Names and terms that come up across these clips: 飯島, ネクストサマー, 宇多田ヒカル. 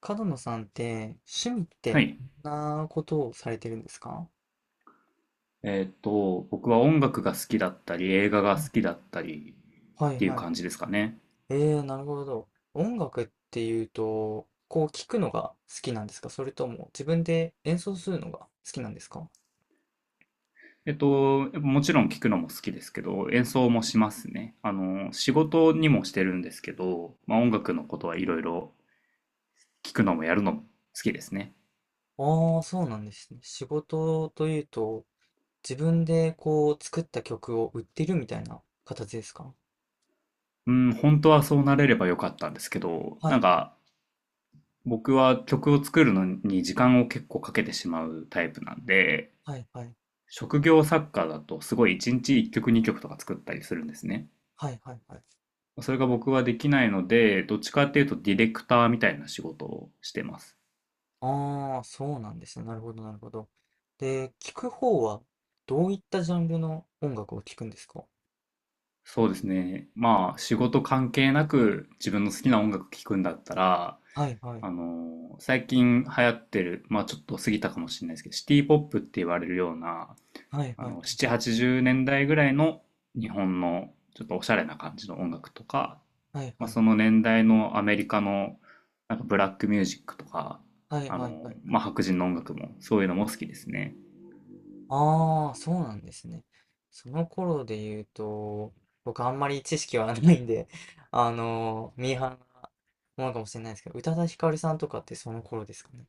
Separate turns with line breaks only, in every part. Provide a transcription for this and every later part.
角野さんって趣味っ
は
て
い。
どんなことをされてるんですか？
僕は音楽が好きだったり、映画が好きだったり
は
っ
い
ていう
はい。
感じですかね。
なるほど。音楽っていうと、こう聞くのが好きなんですか？それとも自分で演奏するのが好きなんですか？
やっぱもちろん聞くのも好きですけど、演奏もしますね。仕事にもしてるんですけど、まあ、音楽のことはいろいろ聞くのもやるのも好きですね。
ああ、そうなんですね。仕事というと、自分でこう作った曲を売ってるみたいな形ですか？
うん、本当はそうなれればよかったんですけど、
は
なん
い
か僕は曲を作るのに時間を結構かけてしまうタイプなんで、
はいはい
職業作家だとすごい1日1曲2曲とか作ったりするんですね。
はいはいはい。
それが僕はできないので、どっちかっていうとディレクターみたいな仕事をしてます。
ああ、そうなんですね。なるほど、なるほど。で、聞く方はどういったジャンルの音楽を聞くんですか？
そうですね。まあ、仕事関係なく自分の好きな音楽聴くんだったら、
はいはい。
最近流行ってる、まあちょっと過ぎたかもしれないですけど、シティポップって言われるような、
はいはい。
7、80年代ぐらいの日本のちょっとおしゃれな感じの音楽とか、
はい
ま
は
あ
い。
その年代のアメリカのなんかブラックミュージックとか、
はいはいはいはい。
まあ白人の音楽もそういうのも好きですね。
ああ、そうなんですね。その頃で言うと、僕あんまり知識はないんで、ミーハーなものかもしれないですけど、宇多田ヒカルさんとかってその頃ですかね。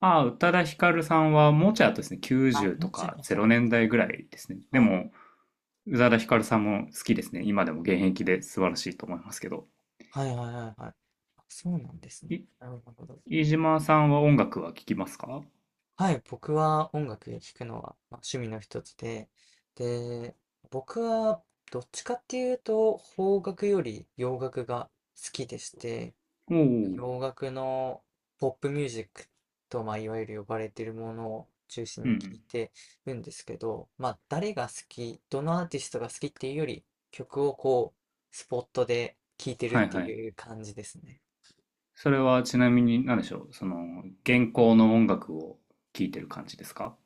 ああ、宇多田ヒカルさんはもうちょい後ですね、
あ、
90と
もうちょい
か
後だ。
0年代ぐらいですね。で
はい。
も、宇多田ヒカルさんも好きですね。今でも現役で素晴らしいと思いますけど。
はいはいはいはい。あ、そうなんですね。
い、
なるほど。
飯島さんは音楽は聴きますか？
はい、僕は音楽聴くのは、まあ、趣味の一つで、で、僕はどっちかっていうと邦楽より洋楽が好きでして、
おおー、
洋楽のポップミュージックと、まあ、いわゆる呼ばれているものを中心
う
に聴い
ん。
てるんですけど、まあ、誰が好き、どのアーティストが好きっていうより、曲をこう、スポットで聴いてる
は
っ
い
て
はい。
いう感じですね。
それはちなみに何でしょう、その、現行の音楽を聴いてる感じですか？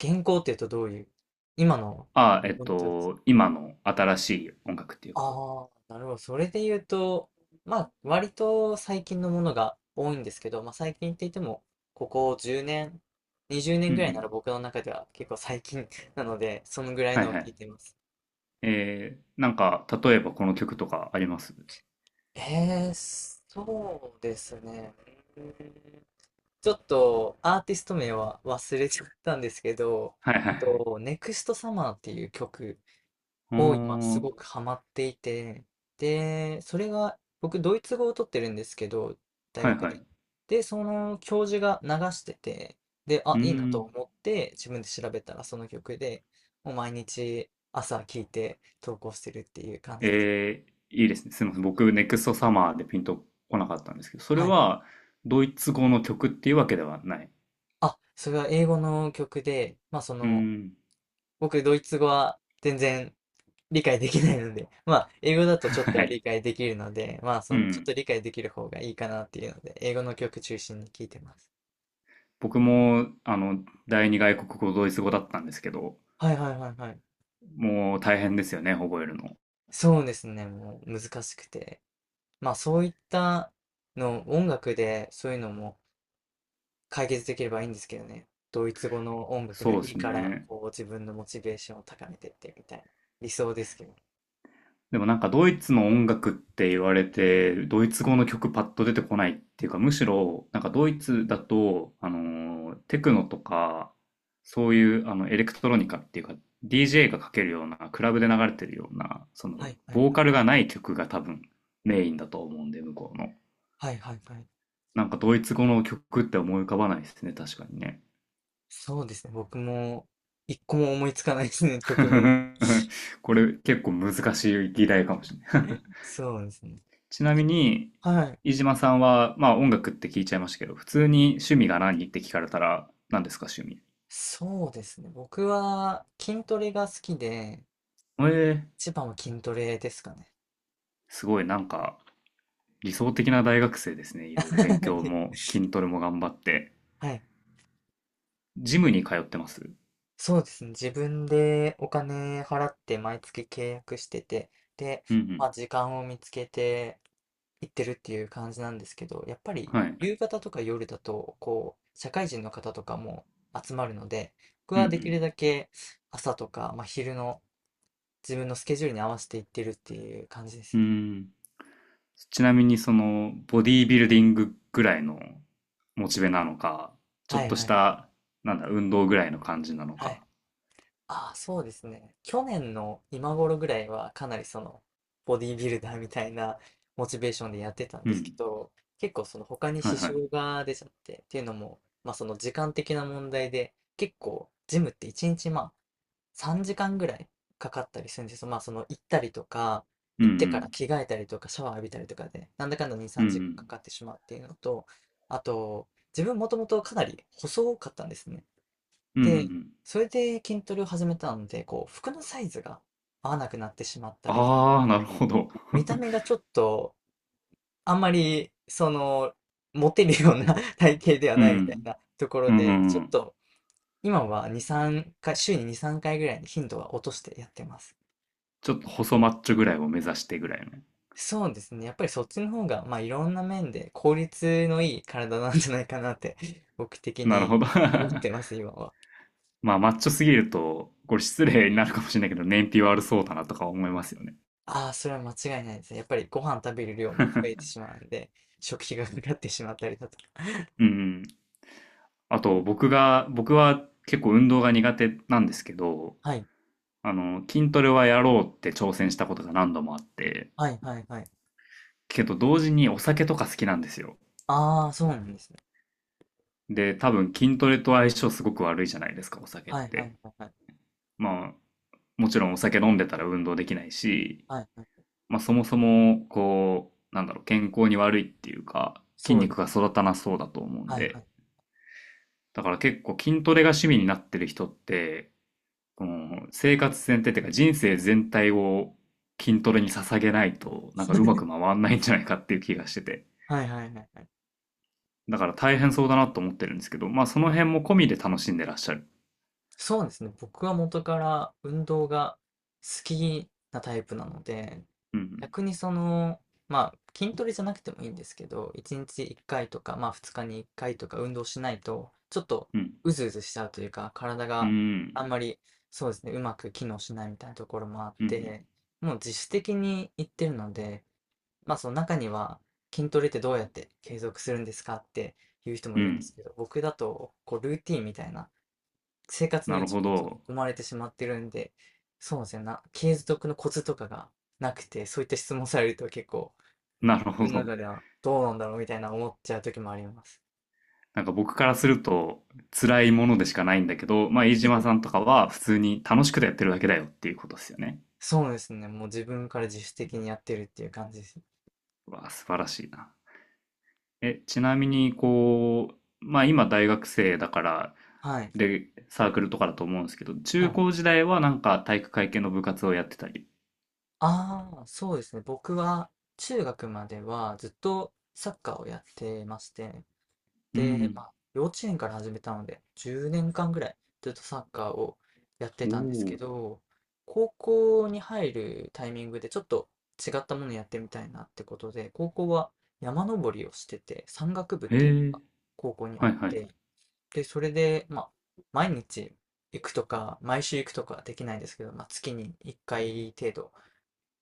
原稿っていうとどういう、今の。
ああ、今の新しい音楽っていうか。
ああ、なるほど。それで言うと、まあ、割と最近のものが多いんですけど、まあ、最近って言っても、ここ10年、20
う
年
んう
ぐらいなら
ん。
僕の中では結構最近 なので、そのぐらい
はい
のを
は
聞い
い。
ています。
えー、なんか、例えばこの曲とかあります？
えー、そうですね。うーんちょっとアーティスト名は忘れちゃったんですけど、
はいはいはい。
ネクストサマーっていう曲
お
を今す
ー
ごくハマっていて、で、それが、僕、ドイツ語を取ってるんですけど、大
はい
学
はい。
で。
う
で、その教授が流してて、で、あ、
ー
いいなと
ん。
思って、自分で調べたらその曲で、もう毎日朝聴いて投稿してるっていう感じです。
えー、いいですね。すみません。僕、ネクストサマーでピンとこなかったんですけど、それ
はい。
はドイツ語の曲っていうわけではない。
あ、それは英語の曲で、まあそ
うー
の、
ん。
僕、ドイツ語は全然理解できないので、まあ、英語だ とちょっと
は
は
い。
理解できるので、まあ、
う
その、ちょっ
ん。
と理解できる方がいいかなっていうので、英語の曲中心に聞いてます。
僕も、第二外国語ドイツ語だったんですけど、
はいはいはいはい。
もう大変ですよね、覚えるの。
そうですね、もう難しくて。まあ、そういったの、音楽でそういうのも解決できればいいんですけどね。ドイツ語の音楽が
そ
い
うで
い
す
から、
ね。
こう、自分のモチベーションを高めてってみたいな理想ですけど。
でもなんかドイツの音楽って言われて、ドイツ語の曲パッと出てこないっていうか、むしろなんかドイツだと、ーテクノとか、そういうあのエレクトロニカっていうか、DJ がかけるような、クラブで流れてるような、そ
は
の
いはい
ボー
はい。
カルがない曲が多分メインだと思うんで、向こうの。
はいはいはい。
なんかドイツ語の曲って思い浮かばないですね、確かにね。
そうですね、僕も一個も思いつかないですね、曲名。
これ結構難しい議題かもしれない。
そうですね。
ちなみに、
はい。
飯島さんは、まあ音楽って聞いちゃいましたけど、普通に趣味が何って聞かれたら、何ですか趣味。
そうですね。僕は筋トレが好きで、
えー、
一番は筋トレですかね。
すごいなんか理想的な大学生ですね。いろいろ勉強 も筋トレも頑張って。
はい。
ジムに通ってます？
そうですね。自分でお金払って毎月契約してて、で、
うんう
ま
ん。
あ時間を見つけて行ってるっていう感じなんですけど、やっぱり
はい。
夕方とか夜だと、こう、社会人の方とかも集まるので、僕
う
はでき
ん
るだけ朝とか、まあ昼の自分のスケジュールに合わせて行ってるっていう感じです
うん。う
ね。
ーん。ちなみにその、ボディービルディングぐらいのモチベなのか、ちょ
は
っ
い
と
は
し
い。
た、なんだ、運動ぐらいの感じなの
はい。
か。
ああ、そうですね。去年の今頃ぐらいはかなりそのボディービルダーみたいなモチベーションでやってたん
う
ですけ
ん。
ど、結構その他に
は
支
いはい。
障が出ちゃって、っていうのも、まあその時間的な問題で、結構ジムって1日まあ3時間ぐらいかかったりするんですよ。まあその行ったりとか、
うん
行
う
ってから
ん。
着替えたりとかシャワー浴びたりとかで、なんだかんだ2、
うん
3
う
時間
ん。
かかってしまうっていうのと、あと、自分もともとかなり細かったんですね。
うんうんう
で、
ん。
それで筋トレを始めたので、こう、服のサイズが合わなくなってしまったりとか、
ああ、なるほど。
見た目がちょっと、あんまり、その、モテるような 体型では
う
ないみたい
ん。
なところ
うんう
で、ち
ん
ょ
う
っ
ん。
と、今は2、3回、週に2、3回ぐらいに頻度は落としてやってます。
ちょっと細マッチョぐらいを目指してぐらいのね。
そうですね。やっぱりそっちの方が、まあ、いろんな面で効率のいい体なんじゃないかなって、僕的
なる
に
ほど。
思ってます、今は。
まあ、マッチョすぎると、これ失礼になるかもしれないけど、燃費悪そうだなとか思いますよね。
ああ、それは間違いないですね。やっぱりご飯食べる量も増えてし まうんで、食費がかかってしまったりだとか。
うん うん。あと、僕が、僕は結構運動が苦手なんですけど、
はい。
筋トレはやろうって挑戦したことが何度もあって、
はい、はい、はい。
けど同時にお酒とか好きなんですよ。
ああ、そうなんですね。
で、多分筋トレと相性すごく悪いじゃないですか、お酒っ
はい、は
て。
い、はい、はい。
まあ、もちろんお酒飲んでたら運動できないし、
はい、はい。
まあ、そもそも、こう、なんだろう、健康に悪いっていうか、筋
そう。
肉が育たなそうだと思うん
はい、は
で、
い。
だから結構筋トレが趣味になってる人って、この生活全体っていうか人生全体を筋トレに捧げないと、なんかうまく 回んないんじゃないかっていう気がしてて。
はい、はい、はい。はい。
だから大変そうだなと思ってるんですけど、まあその辺も込みで楽しんでらっしゃる。
そうですね。僕は元から運動が好きなタイプなので、
うん、
逆にその、まあ、筋トレじゃなくてもいいんですけど、1日1回とか、まあ2日に1回とか運動しないと、ちょっと
うん、
うずうずしちゃうというか、体
う
があん
ん、
まり、そうですね、うまく機能しないみたいなところもあっ
うん、うん。
て、もう自主的に行ってるので、まあその中には、筋トレってどうやって継続するんですかっていう人も
う
いるんで
ん
すけど、僕だと、こう、ルーティンみたいな、生活の
なる
一
ほ
部に
ど。
生まれてしまってるんで、そうですね、継続のコツとかがなくて、そういった質問されると結構、
なる
自
ほ
分の
ど。
中ではどうなんだろうみたいな思っちゃう時もあります。
なんか僕からすると辛いものでしかないんだけど、まあ飯島さんとかは普通に楽しくてやってるだけだよっていうことですよね。
そうですね、もう自分から自主的にやってるっていう感じです。
うわ、素晴らしいな。え、ちなみにこう、まあ今大学生だから、
はい。
で、サークルとかだと思うんですけど、
は
中
い。
高時代はなんか体育会系の部活をやってたり。
ああ、そうですね、僕は中学まではずっとサッカーをやってまして、
う
で、ま
ん。
あ、幼稚園から始めたので、10年間ぐらいずっとサッカーをやって
お
たんですけ
お。
ど、高校に入るタイミングでちょっと違ったものやってみたいなってことで、高校は山登りをしてて、山岳部っ
へ
ていうの
え。
が高校にあ
は
っ
いはい
て、で、それで、まあ、毎日行くとか、毎週行くとかはできないんですけど、まあ、月に1回程度、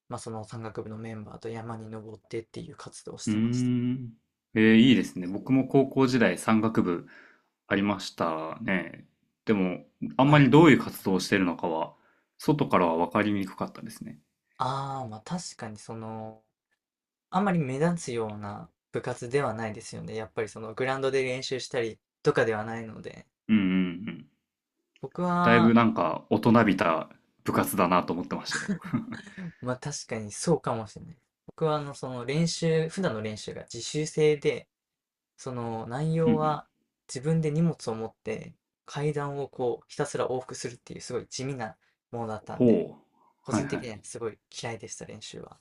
まあ、その山岳部のメンバーと山に登ってっていう活動をし
うー
てました。
ん。えー、いいですね。僕も高校時代山岳部ありましたね。でも、あん
は
ま
い。
りどういう活動をしてるのかは、外からは分かりにくかったですね。
ああ、まあ確かにその、あんまり目立つような部活ではないですよね。やっぱりそのグラウンドで練習したりとかではないので。
うんうんうん。
僕
だい
は、
ぶなんか大人びた部活だなと思ってましたよ。
まあ確かにそうかもしれない。僕はあのその練習、普段の練習が自習制で、その内
うん
容
うん。
は自分で荷物を持って階段をこうひたすら往復するっていうすごい地味なものだったんで、
ほう。
個
はい
人
は
的に
い。
はすごい嫌いでした練習は。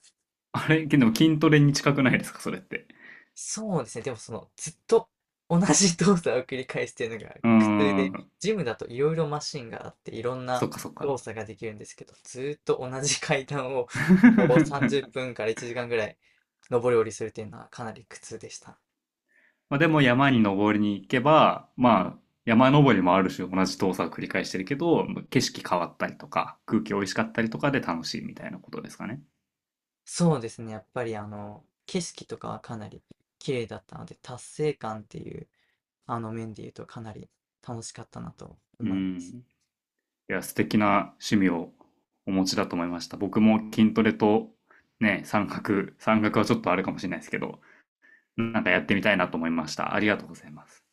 あれ、でも筋トレに近くないですか、それって。
そうですね。でもその、ずっと同じ動作を繰り返すっていうのが
うー
苦痛で、
ん。
ジムだといろいろマシンがあって、いろん
そ
な
っかそっか。
動作ができるんですけど、ずっと同じ階段をこう30 分から1時間ぐらい上り下りするっていうのはかなり苦痛でした。
まあ、でも山に登りに行けば、まあ、山登りもある種同じ動作を繰り返してるけど、景色変わったりとか、空気美味しかったりとかで楽しいみたいなことですかね。
そうですね。やっぱりあの、景色とかはかなり綺麗だったので、達成感っていうあの面で言うとかなり楽しかったなと
う
思います。
ん。いや、素敵な趣味をお持ちだと思いました。僕も筋トレとね、山岳、山岳はちょっとあれかもしれないですけど、なんかやってみたいなと思いました。ありがとうございます。